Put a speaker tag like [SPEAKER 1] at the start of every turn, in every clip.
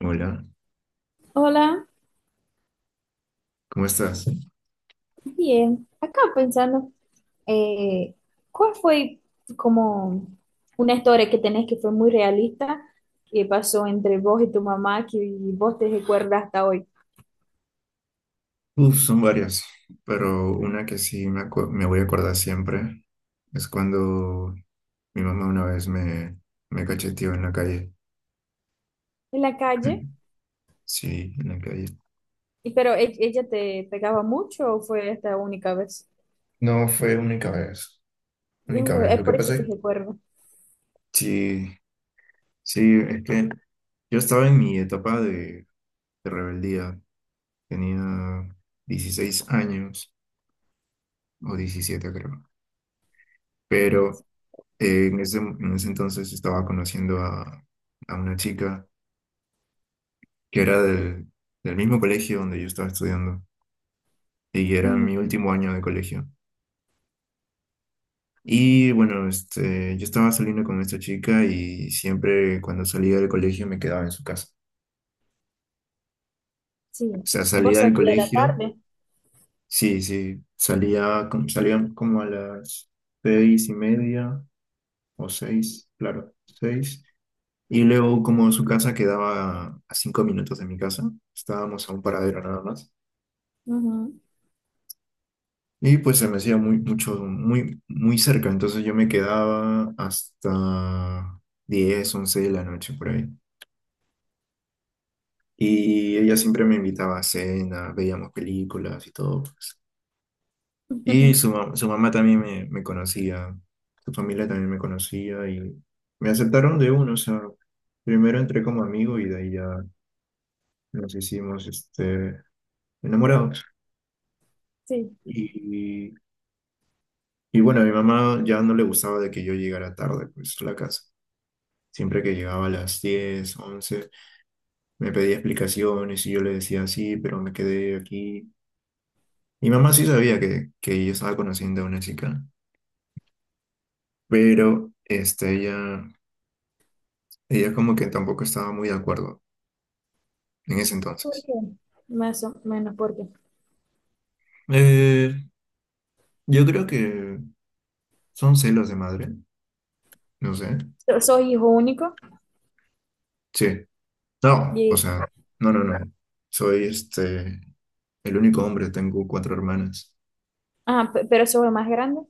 [SPEAKER 1] Hola,
[SPEAKER 2] Hola,
[SPEAKER 1] ¿cómo estás?
[SPEAKER 2] bien. Acá pensando, eh, ¿cuál fue como una historia que tenés que fue muy realista que pasó entre vos y tu mamá que vos te recuerdas hasta hoy?
[SPEAKER 1] Uf, son varias, pero una que sí me voy a acordar siempre es cuando mi mamá una vez me cacheteó en la calle.
[SPEAKER 2] En la calle,
[SPEAKER 1] Sí, en la calle.
[SPEAKER 2] ¿y pero ella te pegaba mucho o fue esta única vez?
[SPEAKER 1] No fue única vez,
[SPEAKER 2] Es
[SPEAKER 1] única vez.
[SPEAKER 2] es
[SPEAKER 1] Lo que
[SPEAKER 2] por eso
[SPEAKER 1] pasa
[SPEAKER 2] que
[SPEAKER 1] es.
[SPEAKER 2] recuerdo.
[SPEAKER 1] Sí, sí, es que yo estaba en mi etapa de rebeldía. Tenía 16 años o 17 creo. Pero en ese entonces estaba conociendo a una chica que era del mismo colegio donde yo estaba estudiando y era
[SPEAKER 2] Ujú.
[SPEAKER 1] mi último año de colegio. Y bueno, este, yo estaba saliendo con esta chica y siempre cuando salía del colegio me quedaba en su casa. O
[SPEAKER 2] Sí,
[SPEAKER 1] sea, salía
[SPEAKER 2] vos
[SPEAKER 1] del
[SPEAKER 2] salías a la
[SPEAKER 1] colegio,
[SPEAKER 2] tarde.
[SPEAKER 1] sí, sí, salía, salía como a las 6:30 o seis, claro, seis. Y luego como su casa quedaba a 5 minutos de mi casa, estábamos a un paradero nada más.
[SPEAKER 2] Ujú.
[SPEAKER 1] Y pues se me hacía muy, mucho, muy, muy cerca, entonces yo me quedaba hasta 10 11 de la noche por ahí. Y ella siempre me invitaba a cena, veíamos películas y todo, pues. Y su mamá también me conocía, su familia también me conocía y me aceptaron de uno, o sea, primero entré como amigo y de ahí ya nos hicimos este, enamorados.
[SPEAKER 2] Sí,
[SPEAKER 1] Y, y bueno, a mi mamá ya no le gustaba de que yo llegara tarde, pues, a la casa. Siempre que llegaba a las 10 11 me pedía explicaciones y yo le decía sí, pero me quedé aquí. Mi mamá sí sabía que yo estaba conociendo a una chica, pero este, ella como que tampoco estaba muy de acuerdo en ese
[SPEAKER 2] ¿por
[SPEAKER 1] entonces.
[SPEAKER 2] qué? Más o menos porque
[SPEAKER 1] Eh, yo creo que son celos de madre, no sé.
[SPEAKER 2] soy hijo único
[SPEAKER 1] Sí, no, o
[SPEAKER 2] y,
[SPEAKER 1] sea, no, no, no. Soy este, el único hombre, tengo cuatro hermanas.
[SPEAKER 2] ah, pero soy el más grande.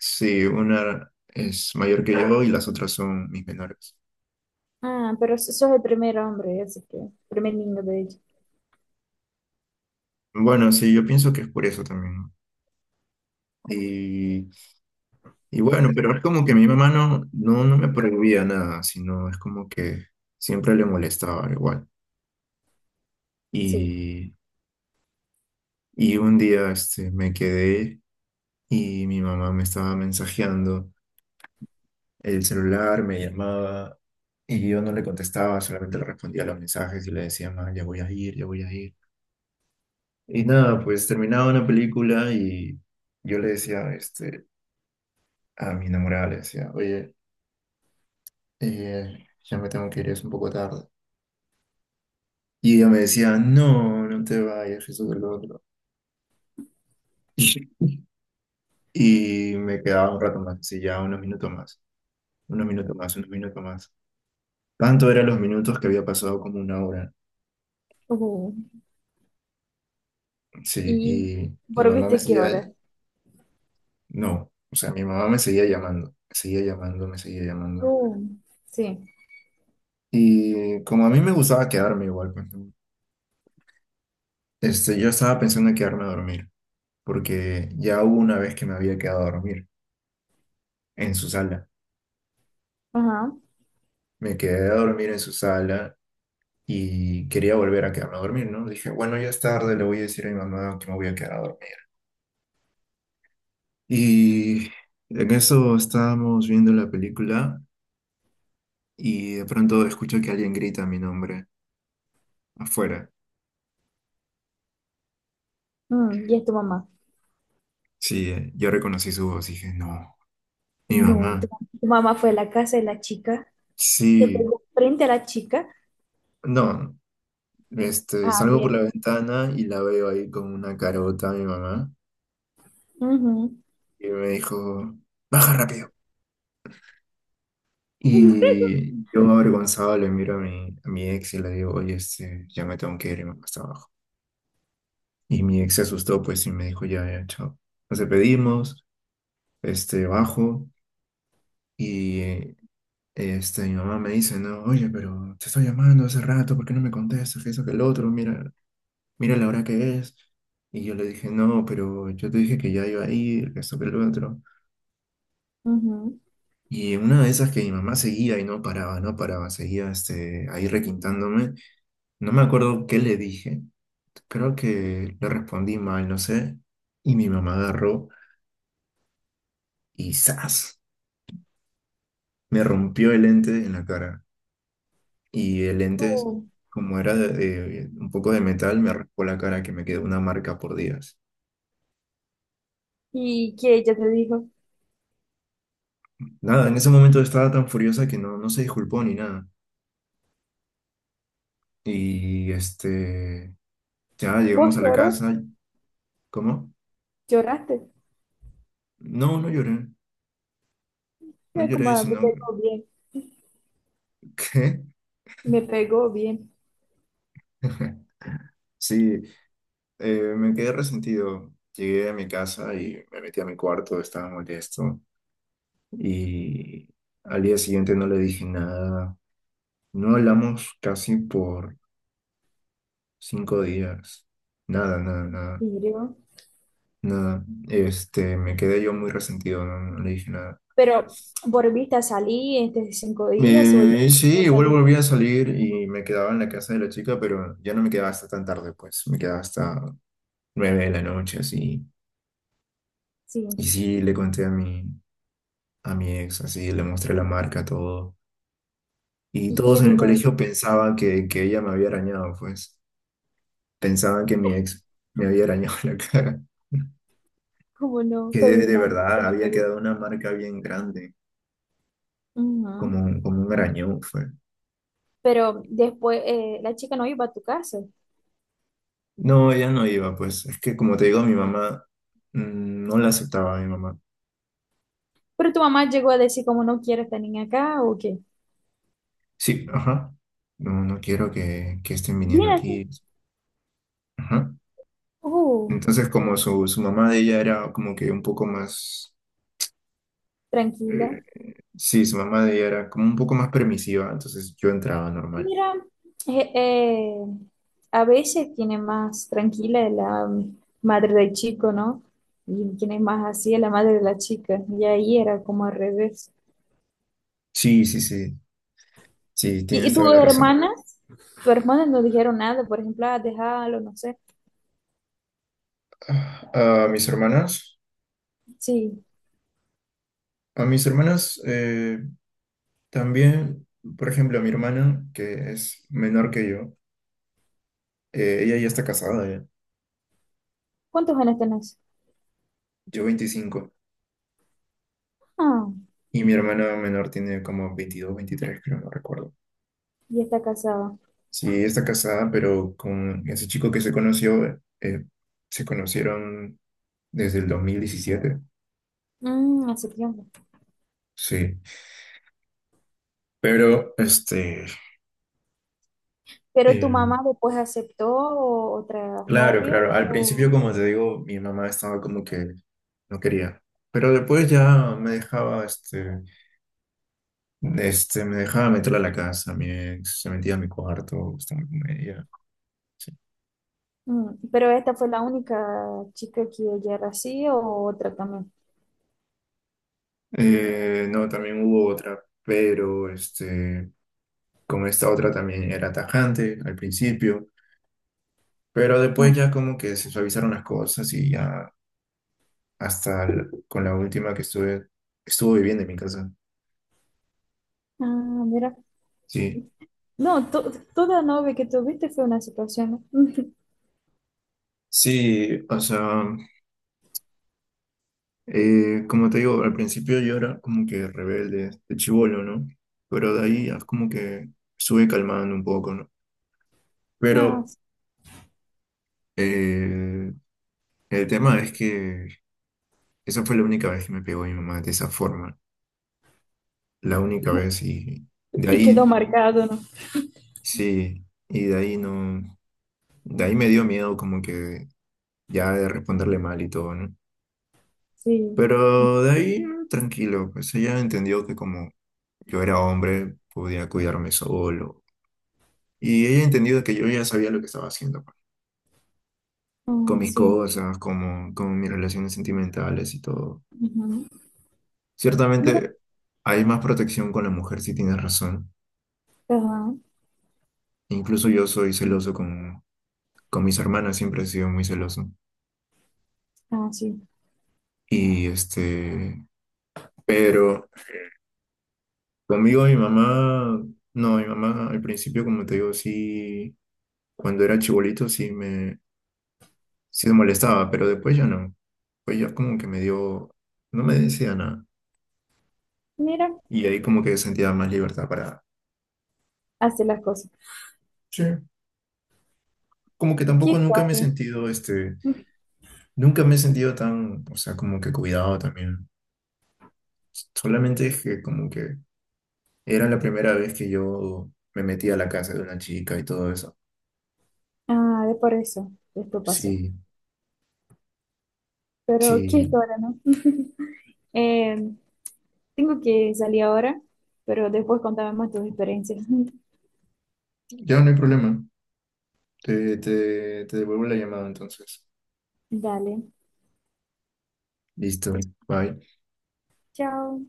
[SPEAKER 1] Sí, una es mayor que yo y las otras son mis menores.
[SPEAKER 2] Ah, pero sos el primer hombre, así que, primer niño de ella.
[SPEAKER 1] Bueno, sí, yo pienso que es por eso también, ¿no? Y, y bueno, pero es como que mi mamá no, no, no me prohibía nada, sino es como que siempre le molestaba igual.
[SPEAKER 2] Sí.
[SPEAKER 1] Y, y un día este, me quedé y mi mamá me estaba mensajeando el celular, me llamaba y yo no le contestaba, solamente le respondía a los mensajes y le decía, ma, ya voy a ir, ya voy a ir. Y nada, pues terminaba una película y yo le decía este, a mi enamorada, le decía, oye, ya me tengo que ir, es un poco tarde. Y ella me decía, no, no te vayas, eso que lo otro. Y me quedaba un rato más, sí, ya unos minutos más, unos minutos más, unos minutos más. Tanto eran los minutos que había pasado como una hora.
[SPEAKER 2] Uh,
[SPEAKER 1] Sí,
[SPEAKER 2] y,
[SPEAKER 1] y mi
[SPEAKER 2] ¿por
[SPEAKER 1] mamá me
[SPEAKER 2] viste qué
[SPEAKER 1] seguía,
[SPEAKER 2] hora?
[SPEAKER 1] no, o sea, mi mamá me seguía llamando, me seguía llamando, me seguía llamando.
[SPEAKER 2] Uh, sí.
[SPEAKER 1] Y como a mí me gustaba quedarme igual, pues, ¿no? Este, yo estaba pensando en quedarme a dormir, porque ya hubo una vez que me había quedado a dormir en su sala.
[SPEAKER 2] Ajá.
[SPEAKER 1] Me quedé a dormir en su sala y quería volver a quedarme a dormir, ¿no? Dije, bueno, ya es tarde, le voy a decir a mi mamá que me voy a quedar a dormir. Y en eso estábamos viendo la película y de pronto escucho que alguien grita mi nombre afuera.
[SPEAKER 2] Mm, y es tu mamá.
[SPEAKER 1] Sí, yo reconocí su voz, dije, no, mi
[SPEAKER 2] No,
[SPEAKER 1] mamá.
[SPEAKER 2] tu mamá fue a la casa de la chica, te
[SPEAKER 1] Sí,
[SPEAKER 2] pegó frente a la chica.
[SPEAKER 1] no, este,
[SPEAKER 2] Ah,
[SPEAKER 1] salgo por la
[SPEAKER 2] bien.
[SPEAKER 1] ventana y la veo ahí con una carota a mi mamá
[SPEAKER 2] Ujú.
[SPEAKER 1] y me dijo, baja rápido. Y yo avergonzado le miro a mi ex y le digo, oye, este, ya me tengo que ir me más abajo. Y mi ex se asustó, pues, y me dijo, ya, ya, chao. Nos despedimos, este, bajo, y este, mi mamá me dice, no, oye, pero te estoy llamando hace rato, ¿por qué no me contestas? Que eso, que el otro, mira, mira la hora que es. Y yo le dije, no, pero yo te dije que ya iba a ir, que esto, que el otro.
[SPEAKER 2] Ujú.
[SPEAKER 1] Y en una de esas que mi mamá seguía y no paraba, no paraba, seguía, este, ahí requintándome. No me acuerdo qué le dije, creo que le respondí mal, no sé, y mi mamá agarró y ¡zas! Me rompió el lente en la cara. Y el lente,
[SPEAKER 2] Uh,
[SPEAKER 1] como era un poco de metal, me raspó la cara que me quedó una marca por días.
[SPEAKER 2] ¿y que ella te dijo?
[SPEAKER 1] Nada, en ese momento estaba tan furiosa que no, no se disculpó ni nada. Y este, ya
[SPEAKER 2] ¿Vos
[SPEAKER 1] llegamos a la
[SPEAKER 2] lloró?
[SPEAKER 1] casa. ¿Cómo?
[SPEAKER 2] ¿Lloraste?
[SPEAKER 1] No, no lloré, no
[SPEAKER 2] Mira como
[SPEAKER 1] lloré,
[SPEAKER 2] "Ah, me
[SPEAKER 1] sino
[SPEAKER 2] pegó bien, me pegó bien".
[SPEAKER 1] ¿Qué? Sí. Me quedé resentido. Llegué a mi casa y me metí a mi cuarto, estaba molesto. Y al día siguiente no le dije nada. No hablamos casi por 5 días. Nada, nada, nada,
[SPEAKER 2] Mire,
[SPEAKER 1] nada. Este, me quedé yo muy resentido, no, no le dije nada.
[SPEAKER 2] pero, ¿volviste a salir estos cinco días o ya
[SPEAKER 1] Sí,
[SPEAKER 2] volvió a
[SPEAKER 1] igual
[SPEAKER 2] salir?
[SPEAKER 1] volví a salir y me quedaba en la casa de la chica, pero ya no me quedaba hasta tan tarde, pues. Me quedaba hasta 9 de la noche, así. Y
[SPEAKER 2] Sí.
[SPEAKER 1] sí, le conté a mi ex, así, le mostré la marca, todo. Y
[SPEAKER 2] ¿Y
[SPEAKER 1] todos
[SPEAKER 2] qué
[SPEAKER 1] en el
[SPEAKER 2] dijo
[SPEAKER 1] colegio
[SPEAKER 2] ella?
[SPEAKER 1] pensaban que ella me había arañado, pues. Pensaban que mi ex me había arañado la cara.
[SPEAKER 2] Como no,
[SPEAKER 1] Que
[SPEAKER 2] fue
[SPEAKER 1] de,
[SPEAKER 2] mi
[SPEAKER 1] de
[SPEAKER 2] madre
[SPEAKER 1] verdad
[SPEAKER 2] que me
[SPEAKER 1] había
[SPEAKER 2] pegó.
[SPEAKER 1] quedado una marca bien grande, como,
[SPEAKER 2] Ujú.
[SPEAKER 1] como un arañón fue.
[SPEAKER 2] Pero después la chica no iba a tu casa.
[SPEAKER 1] No, ella no iba, pues. Es que como te digo, mi mamá no la aceptaba, mi mamá.
[SPEAKER 2] Pero tu mamá llegó a decir como no quiero esta niña acá o qué.
[SPEAKER 1] Sí, ajá. No, no quiero que estén viniendo
[SPEAKER 2] Mírate.
[SPEAKER 1] aquí. Ajá.
[SPEAKER 2] Oh,
[SPEAKER 1] Entonces, como su mamá de ella era como que un poco más.
[SPEAKER 2] tranquila.
[SPEAKER 1] eh, sí, su mamá de ella era como un poco más permisiva, entonces yo entraba normal.
[SPEAKER 2] Mira, eh, eh, a veces tiene más tranquila es la madre del chico, ¿no? Y quien es más así es la madre de la chica. Y ahí era como al revés.
[SPEAKER 1] Sí, sí, sí, sí,
[SPEAKER 2] Y
[SPEAKER 1] tienes toda
[SPEAKER 2] tus
[SPEAKER 1] la razón.
[SPEAKER 2] hermanas? Tus hermanas no dijeron nada, por ejemplo, ah, déjalo, no sé.
[SPEAKER 1] Ah, A mis hermanas,
[SPEAKER 2] Sí.
[SPEAKER 1] a mis hermanas también, por ejemplo, a mi hermana, que es menor que yo, ella ya está casada, ya.
[SPEAKER 2] ¿Cuántos años tenés?
[SPEAKER 1] Yo 25
[SPEAKER 2] Ah,
[SPEAKER 1] y mi hermana menor tiene como 22, 23 creo, no recuerdo.
[SPEAKER 2] y está casada.
[SPEAKER 1] Sí, ella está casada, pero con ese chico que se conoció, se conocieron desde el 2017.
[SPEAKER 2] Mm, hace tiempo.
[SPEAKER 1] Sí. Pero, este,
[SPEAKER 2] Pero tu mamá
[SPEAKER 1] em,
[SPEAKER 2] después aceptó otra
[SPEAKER 1] claro,
[SPEAKER 2] novia
[SPEAKER 1] claro. Al principio,
[SPEAKER 2] o...
[SPEAKER 1] como te digo, mi mamá estaba como que no quería. Pero después ya me dejaba, este, me dejaba meterla a la casa, mi ex se metía a mi cuarto, estaba con ella. Sí.
[SPEAKER 2] Mm, pero esta fue la única chica que ella era así o otra también.
[SPEAKER 1] No, también hubo otra, pero este, con esta otra también era tajante al principio. Pero
[SPEAKER 2] Mm.
[SPEAKER 1] después ya como que se suavizaron las cosas y ya hasta con la última que estuve, estuvo viviendo en mi casa.
[SPEAKER 2] Ah, mira.
[SPEAKER 1] Sí.
[SPEAKER 2] No, toda novia que tuviste fue una situación, ¿no?
[SPEAKER 1] Sí, o sea. Como te digo, al principio yo era como que rebelde, de chibolo, ¿no? Pero de ahí es como que sube calmando un poco, ¿no?
[SPEAKER 2] Ah,
[SPEAKER 1] Pero
[SPEAKER 2] sí.
[SPEAKER 1] eh, el tema es que esa fue la única vez que me pegó mi mamá de esa forma, la única vez y de
[SPEAKER 2] Y quedó
[SPEAKER 1] ahí
[SPEAKER 2] marcado, ¿no?
[SPEAKER 1] sí, y de ahí no, de ahí me dio miedo como que ya de responderle mal y todo, ¿no?
[SPEAKER 2] Sí.
[SPEAKER 1] Pero de ahí tranquilo, pues ella entendió que como yo era hombre, podía cuidarme solo. Y ella entendido que yo ya sabía lo que estaba haciendo, pues, con
[SPEAKER 2] Ah,
[SPEAKER 1] mis
[SPEAKER 2] sí.
[SPEAKER 1] cosas, como, con mis relaciones sentimentales y todo.
[SPEAKER 2] Ujú. Mira,
[SPEAKER 1] Ciertamente hay más protección con la mujer, si tienes razón.
[SPEAKER 2] ajá.
[SPEAKER 1] Incluso yo soy celoso con mis hermanas, siempre he sido muy celoso.
[SPEAKER 2] Ah, sí.
[SPEAKER 1] Y este, pero conmigo mi mamá, no, mi mamá al principio, como te digo, sí, cuando era chibolito sí me molestaba, pero después ya no. Pues ya como que me dio, no me decía nada.
[SPEAKER 2] Mira,
[SPEAKER 1] Y ahí como que sentía más libertad para.
[SPEAKER 2] hace las cosas.
[SPEAKER 1] Sí, como que
[SPEAKER 2] ¿Qué
[SPEAKER 1] tampoco nunca me he
[SPEAKER 2] historia?
[SPEAKER 1] sentido tan, o sea, como que cuidado también. Solamente es que como que era la primera vez que yo me metí a la casa de una chica y todo eso.
[SPEAKER 2] Ah, de por eso. Esto pasó.
[SPEAKER 1] Sí,
[SPEAKER 2] Pero, ¿qué
[SPEAKER 1] sí.
[SPEAKER 2] historia, no? Eh, tengo que salir ahora, pero después contame más tus experiencias.
[SPEAKER 1] Ya no hay problema. Te devuelvo la llamada entonces.
[SPEAKER 2] Dale.
[SPEAKER 1] Listo. Bye.
[SPEAKER 2] Chao.